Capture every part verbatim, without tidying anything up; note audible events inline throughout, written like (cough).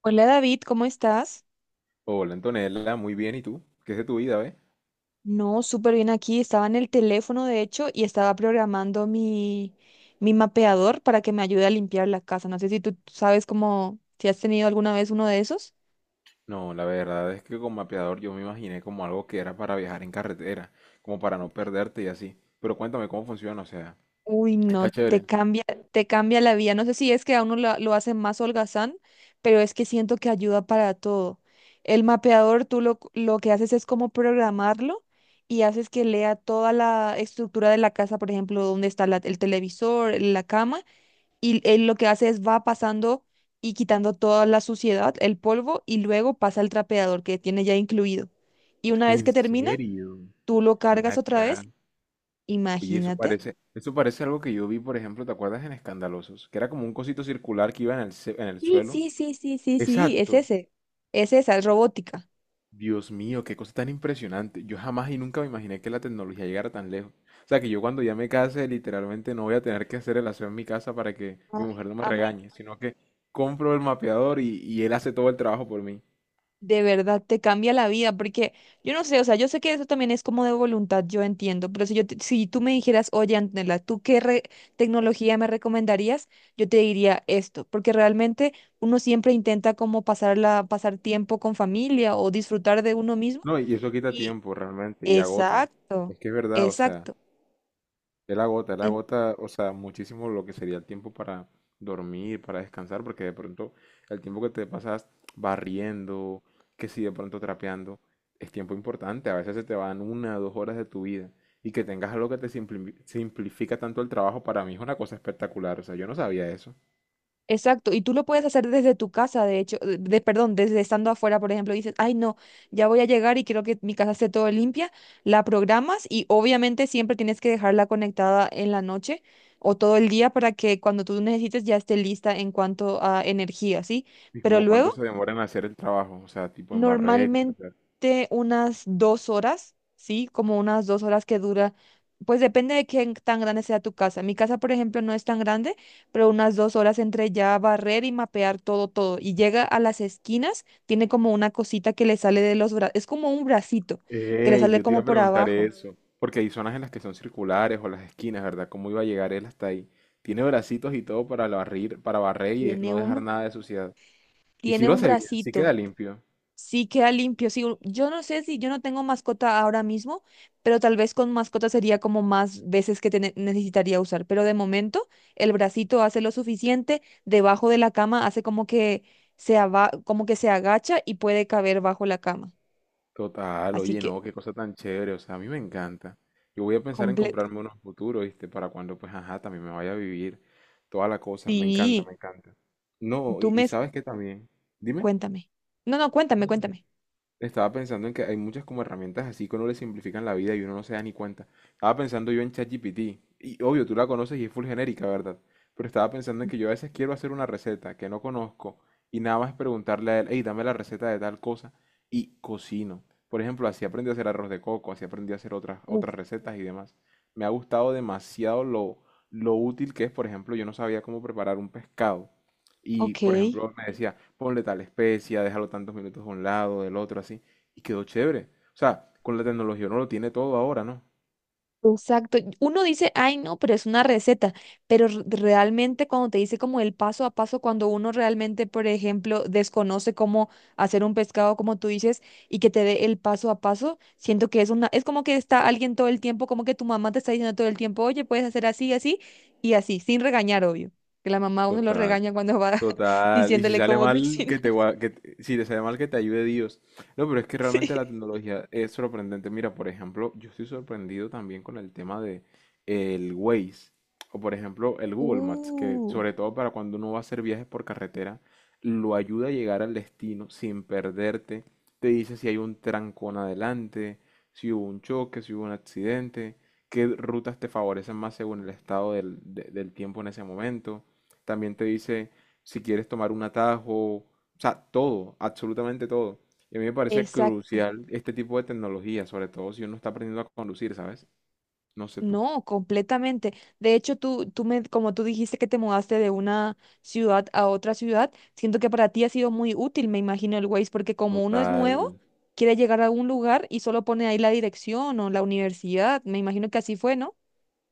Hola David, ¿cómo estás? Hola Antonella, muy bien, ¿y tú? ¿Qué es de tu vida, ve? No, súper bien aquí. Estaba en el teléfono, de hecho, y estaba programando mi, mi mapeador para que me ayude a limpiar la casa. No sé si tú sabes cómo, si has tenido alguna vez uno de esos. No, la verdad es que con mapeador yo me imaginé como algo que era para viajar en carretera, como para no perderte y así. Pero cuéntame cómo funciona, o sea, Uy, está no, te chévere. cambia, te cambia la vida. No sé si es que a uno lo, lo hace más holgazán, pero es que siento que ayuda para todo. El mapeador, tú lo, lo que haces es como programarlo y haces que lea toda la estructura de la casa, por ejemplo, dónde está la- el televisor, la cama, y él lo que hace es va pasando y quitando toda la suciedad, el polvo, y luego pasa al trapeador que tiene ya incluido. Y una vez que ¿En termina, serio? tú lo Ven cargas otra acá. vez, Oye, eso imagínate. parece, eso parece algo que yo vi, por ejemplo, ¿te acuerdas en Escandalosos? Que era como un cosito circular que iba en el, ce- en el Sí, suelo. sí, sí, sí, sí, sí, es Exacto. ese. Es esa, es robótica. Dios mío, qué cosa tan impresionante. Yo jamás y nunca me imaginé que la tecnología llegara tan lejos. O sea, que yo cuando ya me case, literalmente no voy a tener que hacer el aseo en mi casa para que Ay, mi mujer no me a mí. regañe, sino que compro el mapeador y, y él hace todo el trabajo por mí. De verdad, te cambia la vida, porque yo no sé, o sea, yo sé que eso también es como de voluntad, yo entiendo, pero si yo, te- si tú me dijeras, oye, Antonella, ¿tú qué re- tecnología me recomendarías? Yo te diría esto, porque realmente uno siempre intenta como pasarla, pasar tiempo con familia o disfrutar de uno mismo. No, y eso quita Y tiempo realmente y agota. exacto, Es que es verdad, o sea, exacto. él agota, él agota, o sea, muchísimo lo que sería el tiempo para dormir, para descansar, porque de pronto el tiempo que te pasas barriendo, que si de pronto trapeando, es tiempo importante. A veces se te van una o dos horas de tu vida. Y que tengas algo que te simpli- simplifica tanto el trabajo, para mí es una cosa espectacular. O sea, yo no sabía eso. Exacto, y tú lo puedes hacer desde tu casa, de hecho, de, de- perdón, desde estando afuera, por ejemplo, dices, ay, no, ya voy a llegar y quiero que mi casa esté todo limpia, la programas y obviamente siempre tienes que dejarla conectada en la noche o todo el día para que cuando tú necesites ya esté lista en cuanto a energía, ¿sí? Y Pero como cuánto luego se demora en hacer el trabajo, o sea, tipo en barrer y trapear. normalmente unas dos horas, ¿sí? Como unas dos horas que dura. Pues depende de qué tan grande sea tu casa. Mi casa, por ejemplo, no es tan grande, pero unas dos horas entre ya barrer y mapear todo, todo. Y llega a las esquinas, tiene como una cosita que le sale de los brazos. Es como un bracito que le Ey, sale yo te iba como a por preguntar abajo. eso, porque hay zonas en las que son circulares o las esquinas, ¿verdad? ¿Cómo iba a llegar él hasta ahí? Tiene bracitos y todo para barrir, para barrer y Tiene no dejar un, nada de suciedad. Y si tiene lo un hace bien, sí bracito. queda limpio. Sí, queda limpio. Sí, u- yo no sé, si yo no tengo mascota ahora mismo, pero tal vez con mascota sería como más veces que tene- necesitaría usar. Pero de momento, el bracito hace lo suficiente, debajo de la cama hace como que se ava- como que se agacha y puede caber bajo la cama. Total, Así oye, que no, qué cosa tan chévere, o sea, a mí me encanta. Yo voy a pensar en completo. comprarme unos futuros, ¿viste? Para cuando, pues, ajá, también me vaya a vivir toda la cosa. Me encanta, Sí, me encanta. No, tú y, y me ¿sabes qué también? Dime. cuéntame. No, no, No, cuéntame, dime. cuéntame. Estaba pensando en que hay muchas como herramientas así que uno le simplifican la vida y uno no se da ni cuenta. Estaba pensando yo en ChatGPT. Y obvio, tú la conoces y es full genérica, ¿verdad? Pero estaba pensando en que yo a veces quiero hacer una receta que no conozco y nada más preguntarle a él, hey, dame la receta de tal cosa y cocino. Por ejemplo, así aprendí a hacer arroz de coco, así aprendí a hacer otras, Uf. otras recetas y demás. Me ha gustado demasiado lo, lo útil que es, por ejemplo, yo no sabía cómo preparar un pescado y, Ok. por ejemplo, me decía, ponle tal especia, déjalo tantos minutos de un lado, del otro, así. Y quedó chévere. O sea, con la tecnología uno lo tiene todo ahora, ¿no? Exacto. Uno dice, ay, no, pero es una receta, pero r- realmente cuando te dice como el paso a paso, cuando uno realmente, por ejemplo, desconoce cómo hacer un pescado, como tú dices, y que te dé el paso a paso, siento que es una, es como que está alguien todo el tiempo, como que tu mamá te está diciendo todo el tiempo, oye, puedes hacer así, así y así, sin regañar, obvio. Que la mamá a uno lo Total. regaña cuando va (laughs) Total, y si diciéndole sale cómo mal, cocinar. que te, gua- que te- si te sale mal, que te ayude Dios. No, pero es que (laughs) Sí. realmente la tecnología es sorprendente. Mira, por ejemplo, yo estoy sorprendido también con el tema de el Waze, o por ejemplo, el Google Maps, que Uh, sobre todo para cuando uno va a hacer viajes por carretera, lo ayuda a llegar al destino sin perderte. Te dice si hay un trancón adelante, si hubo un choque, si hubo un accidente, qué rutas te favorecen más según el estado del de- del tiempo en ese momento. También te dice si quieres tomar un atajo, o sea, todo, absolutamente todo. Y a mí me parece exacto. crucial este tipo de tecnología, sobre todo si uno está aprendiendo a conducir, ¿sabes? No sé tú. No, completamente. De hecho, tú, tú me, como tú dijiste que te mudaste de una ciudad a otra ciudad, siento que para ti ha sido muy útil, me imagino, el Waze, porque como uno es Total, nuevo, quiere llegar a un lugar y solo pone ahí la dirección o la universidad. Me imagino que así fue, ¿no?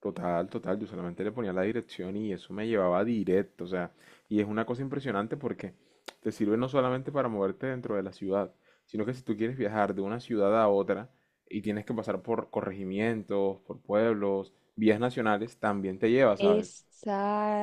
total, total. Yo solamente le ponía la dirección y eso me llevaba directo, o sea, y es una cosa impresionante porque te sirve no solamente para moverte dentro de la ciudad, sino que si tú quieres viajar de una ciudad a otra y tienes que pasar por corregimientos, por pueblos, vías nacionales, también te lleva, ¿sabes?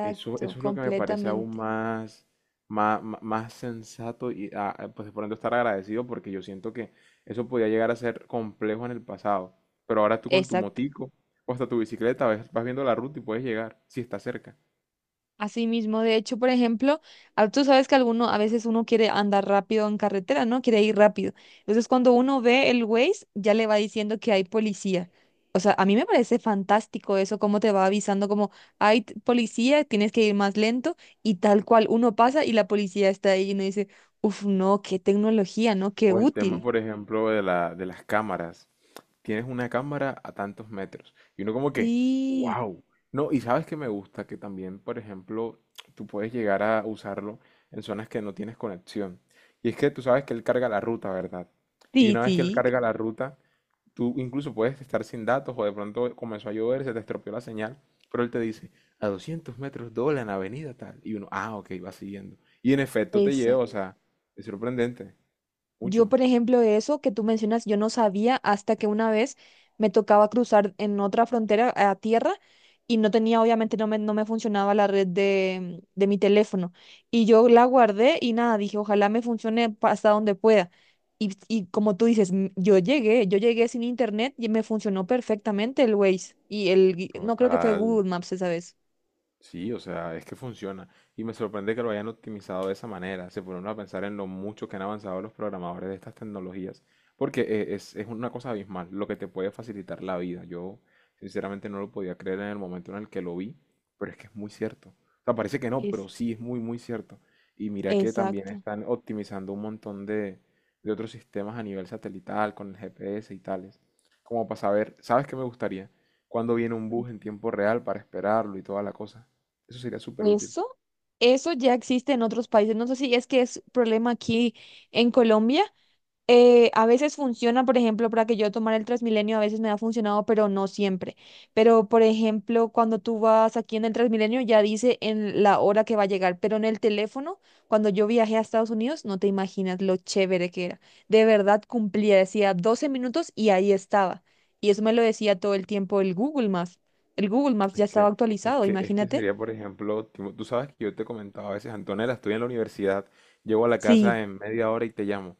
Eso, eso es lo que me parece aún completamente. más, má- má- más, sensato y ah, ah, pues por ende estar agradecido porque yo siento que eso podía llegar a ser complejo en el pasado. Pero ahora tú con tu motico o hasta tu bicicleta vas, vas viendo la ruta y puedes llegar si está cerca. Así mismo, de hecho, por ejemplo, ah, tú sabes que alguno, a veces uno quiere andar rápido en carretera, ¿no? Quiere ir rápido. Entonces, cuando uno ve el Waze, ya le va diciendo que hay policía. O sea, a mí me parece fantástico eso, cómo te va avisando, como hay t- policía, tienes que ir más lento, y tal cual uno pasa y la policía está ahí y uno dice, uf, no, qué tecnología, ¿no? Qué O el tema, útil. por ejemplo, de la, de las cámaras. Tienes una cámara a tantos metros. Y uno como que, Sí, wow. No, y sabes que me gusta que también, por ejemplo, tú puedes llegar a usarlo en zonas que no tienes conexión. Y es que tú sabes que él carga la ruta, ¿verdad? Y sí, una vez que él sí, carga la ruta, tú incluso puedes estar sin datos o de pronto comenzó a llover, se te estropeó la señal, pero él te dice, a doscientos metros dobla en avenida tal. Y uno, ah, ok, va siguiendo. Y en efecto te lleva, o exacto. sea, es sorprendente, Yo, mucho. por ejemplo, eso que tú mencionas, yo no sabía hasta que una vez me tocaba cruzar en otra frontera a tierra y no tenía, obviamente, no me, no me funcionaba la red de, de mi teléfono. Y yo la guardé y nada, dije, ojalá me funcione pa- hasta donde pueda. Y, y como tú dices, m- yo llegué, yo llegué sin internet y me funcionó perfectamente el Waze y el, gui- no creo que fue Total. Google Maps esa vez. Sí, o sea, es que funciona. Y me sorprende que lo hayan optimizado de esa manera. Se ponen a pensar en lo mucho que han avanzado los programadores de estas tecnologías. Porque eh, es, es una cosa abismal, lo que te puede facilitar la vida. Yo sinceramente no lo podía creer en el momento en el que lo vi, pero es que es muy cierto. O sea, parece que no, Es, pero sí es muy, muy cierto. Y mira que también Exacto. están optimizando un montón de, de otros sistemas a nivel satelital, con el G P S y tales. Como para saber, ¿sabes qué me gustaría? ¿Cuándo viene un bus en tiempo real para esperarlo y toda la cosa? Eso sería súper útil. Eso, eso ya existe en otros países. No sé si es que es problema aquí en Colombia. Eh, a veces funciona, por ejemplo, para que yo tomara el Transmilenio, a veces me ha funcionado, pero no siempre. Pero, por ejemplo, cuando tú vas aquí en el Transmilenio, ya dice en la hora que va a llegar, pero en el teléfono, cuando yo viajé a Estados Unidos, no te imaginas lo chévere que era. De verdad cumplía, decía doce minutos y ahí estaba. Y eso me lo decía todo el tiempo el Google Maps. El Google Maps ya Es estaba que, es actualizado, que, es que imagínate. sería, por ejemplo, tipo, tú sabes que yo te comentaba a veces, Antonella, estoy en la universidad, llego a la Sí. casa en media hora y te llamo.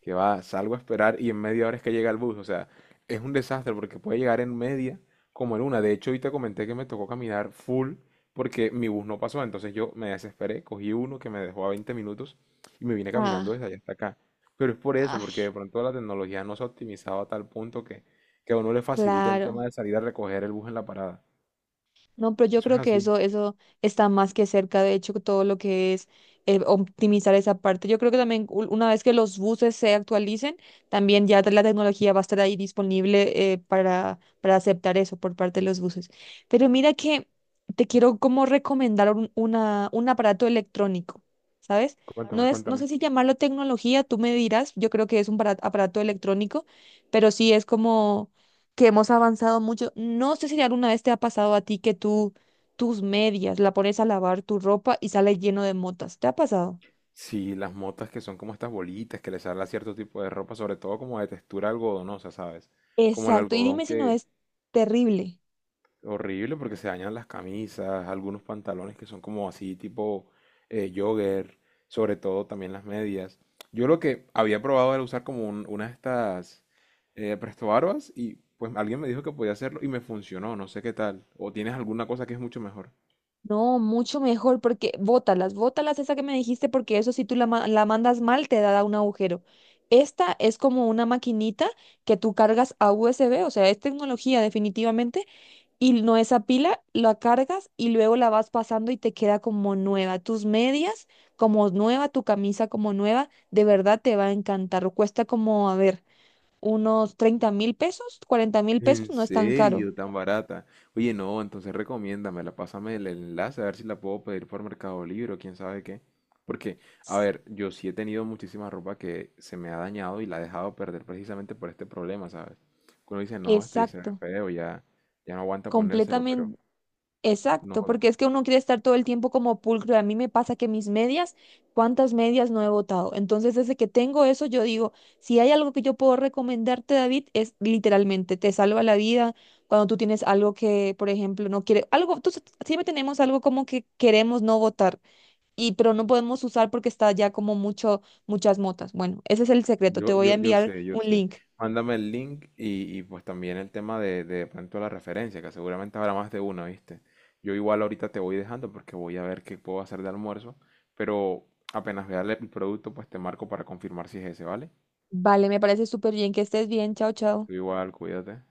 Que va, salgo a esperar y en media hora es que llega el bus. O sea, es un desastre porque puede llegar en media como en una. De hecho, hoy te comenté que me tocó caminar full porque mi bus no pasó. Entonces yo me desesperé, cogí uno que me dejó a veinte minutos y me vine caminando Ah, desde allá hasta acá. Pero es por eso, porque ay, de pronto la tecnología no se ha optimizado a tal punto que, que a uno le facilita el tema claro. de salir a recoger el bus en la parada. No, pero yo Eso es creo que así. eso, eso está más que cerca, de hecho, todo lo que es eh, optimizar esa parte. Yo creo que también u- una vez que los buses se actualicen, también ya la tecnología va a estar ahí disponible, eh, para, para aceptar eso por parte de los buses. Pero mira que te quiero como recomendar un, una, un aparato electrónico, ¿sabes? No Cuéntame, es, no sé cuéntame. si llamarlo tecnología, tú me dirás, yo creo que es un para- aparato electrónico, pero sí es como que hemos avanzado mucho. No sé si alguna vez te ha pasado a ti que tú, tus medias, la pones a lavar tu ropa y sale lleno de motas. ¿Te ha pasado? Sí, las motas que son como estas bolitas que les sale a cierto tipo de ropa, sobre todo como de textura algodonosa, ¿sabes? Como el Exacto. Y algodón dime si no que... es terrible. Horrible porque se dañan las camisas, algunos pantalones que son como así tipo eh, jogger, sobre todo también las medias. Yo lo que había probado era usar como un- una de estas eh, prestobarbas y pues alguien me dijo que podía hacerlo y me funcionó, no sé qué tal. ¿O tienes alguna cosa que es mucho mejor? No, mucho mejor porque bótalas, bótalas esa que me dijiste, porque eso, si tú la, ma- la mandas mal, te da un agujero. Esta es como una maquinita que tú cargas a U S B, o sea, es tecnología definitivamente y no esa pila, la cargas y luego la vas pasando y te queda como nueva. Tus medias como nueva, tu camisa como nueva, de verdad te va a encantar. Cuesta como, a ver, unos treinta mil pesos, cuarenta mil pesos, ¿En no es tan caro. serio? Tan barata. Oye, no, entonces recomiéndamela, pásame el enlace a ver si la puedo pedir por Mercado Libre o quién sabe qué. Porque, a ver, yo sí he tenido muchísima ropa que se me ha dañado y la he dejado perder precisamente por este problema, ¿sabes? Uno dice, no, esto ya se ve Exacto, feo, ya, ya no aguanta ponérselo, pero completamente. Exacto, no. porque es que uno quiere estar todo el tiempo como pulcro. Y a mí me pasa que mis medias, ¿cuántas medias no he botado? Entonces, desde que tengo eso, yo digo, si hay algo que yo puedo recomendarte, David, es literalmente, te salva la vida. Cuando tú tienes algo que, por ejemplo, no quiere, algo, tú, siempre tenemos algo como que queremos no botar, y, pero no podemos usar porque está ya como mucho, muchas motas. Bueno, ese es el secreto. Te Yo, voy a yo, yo enviar sé, yo un sé. link. Mándame el link y, y, pues también el tema de, de pronto la referencia, que seguramente habrá más de una, ¿viste? Yo igual ahorita te voy dejando porque voy a ver qué puedo hacer de almuerzo, pero apenas vea el el producto, pues te marco para confirmar si es ese, ¿vale? Vale, me parece súper bien que estés bien. Chao, chao. Tú igual, cuídate.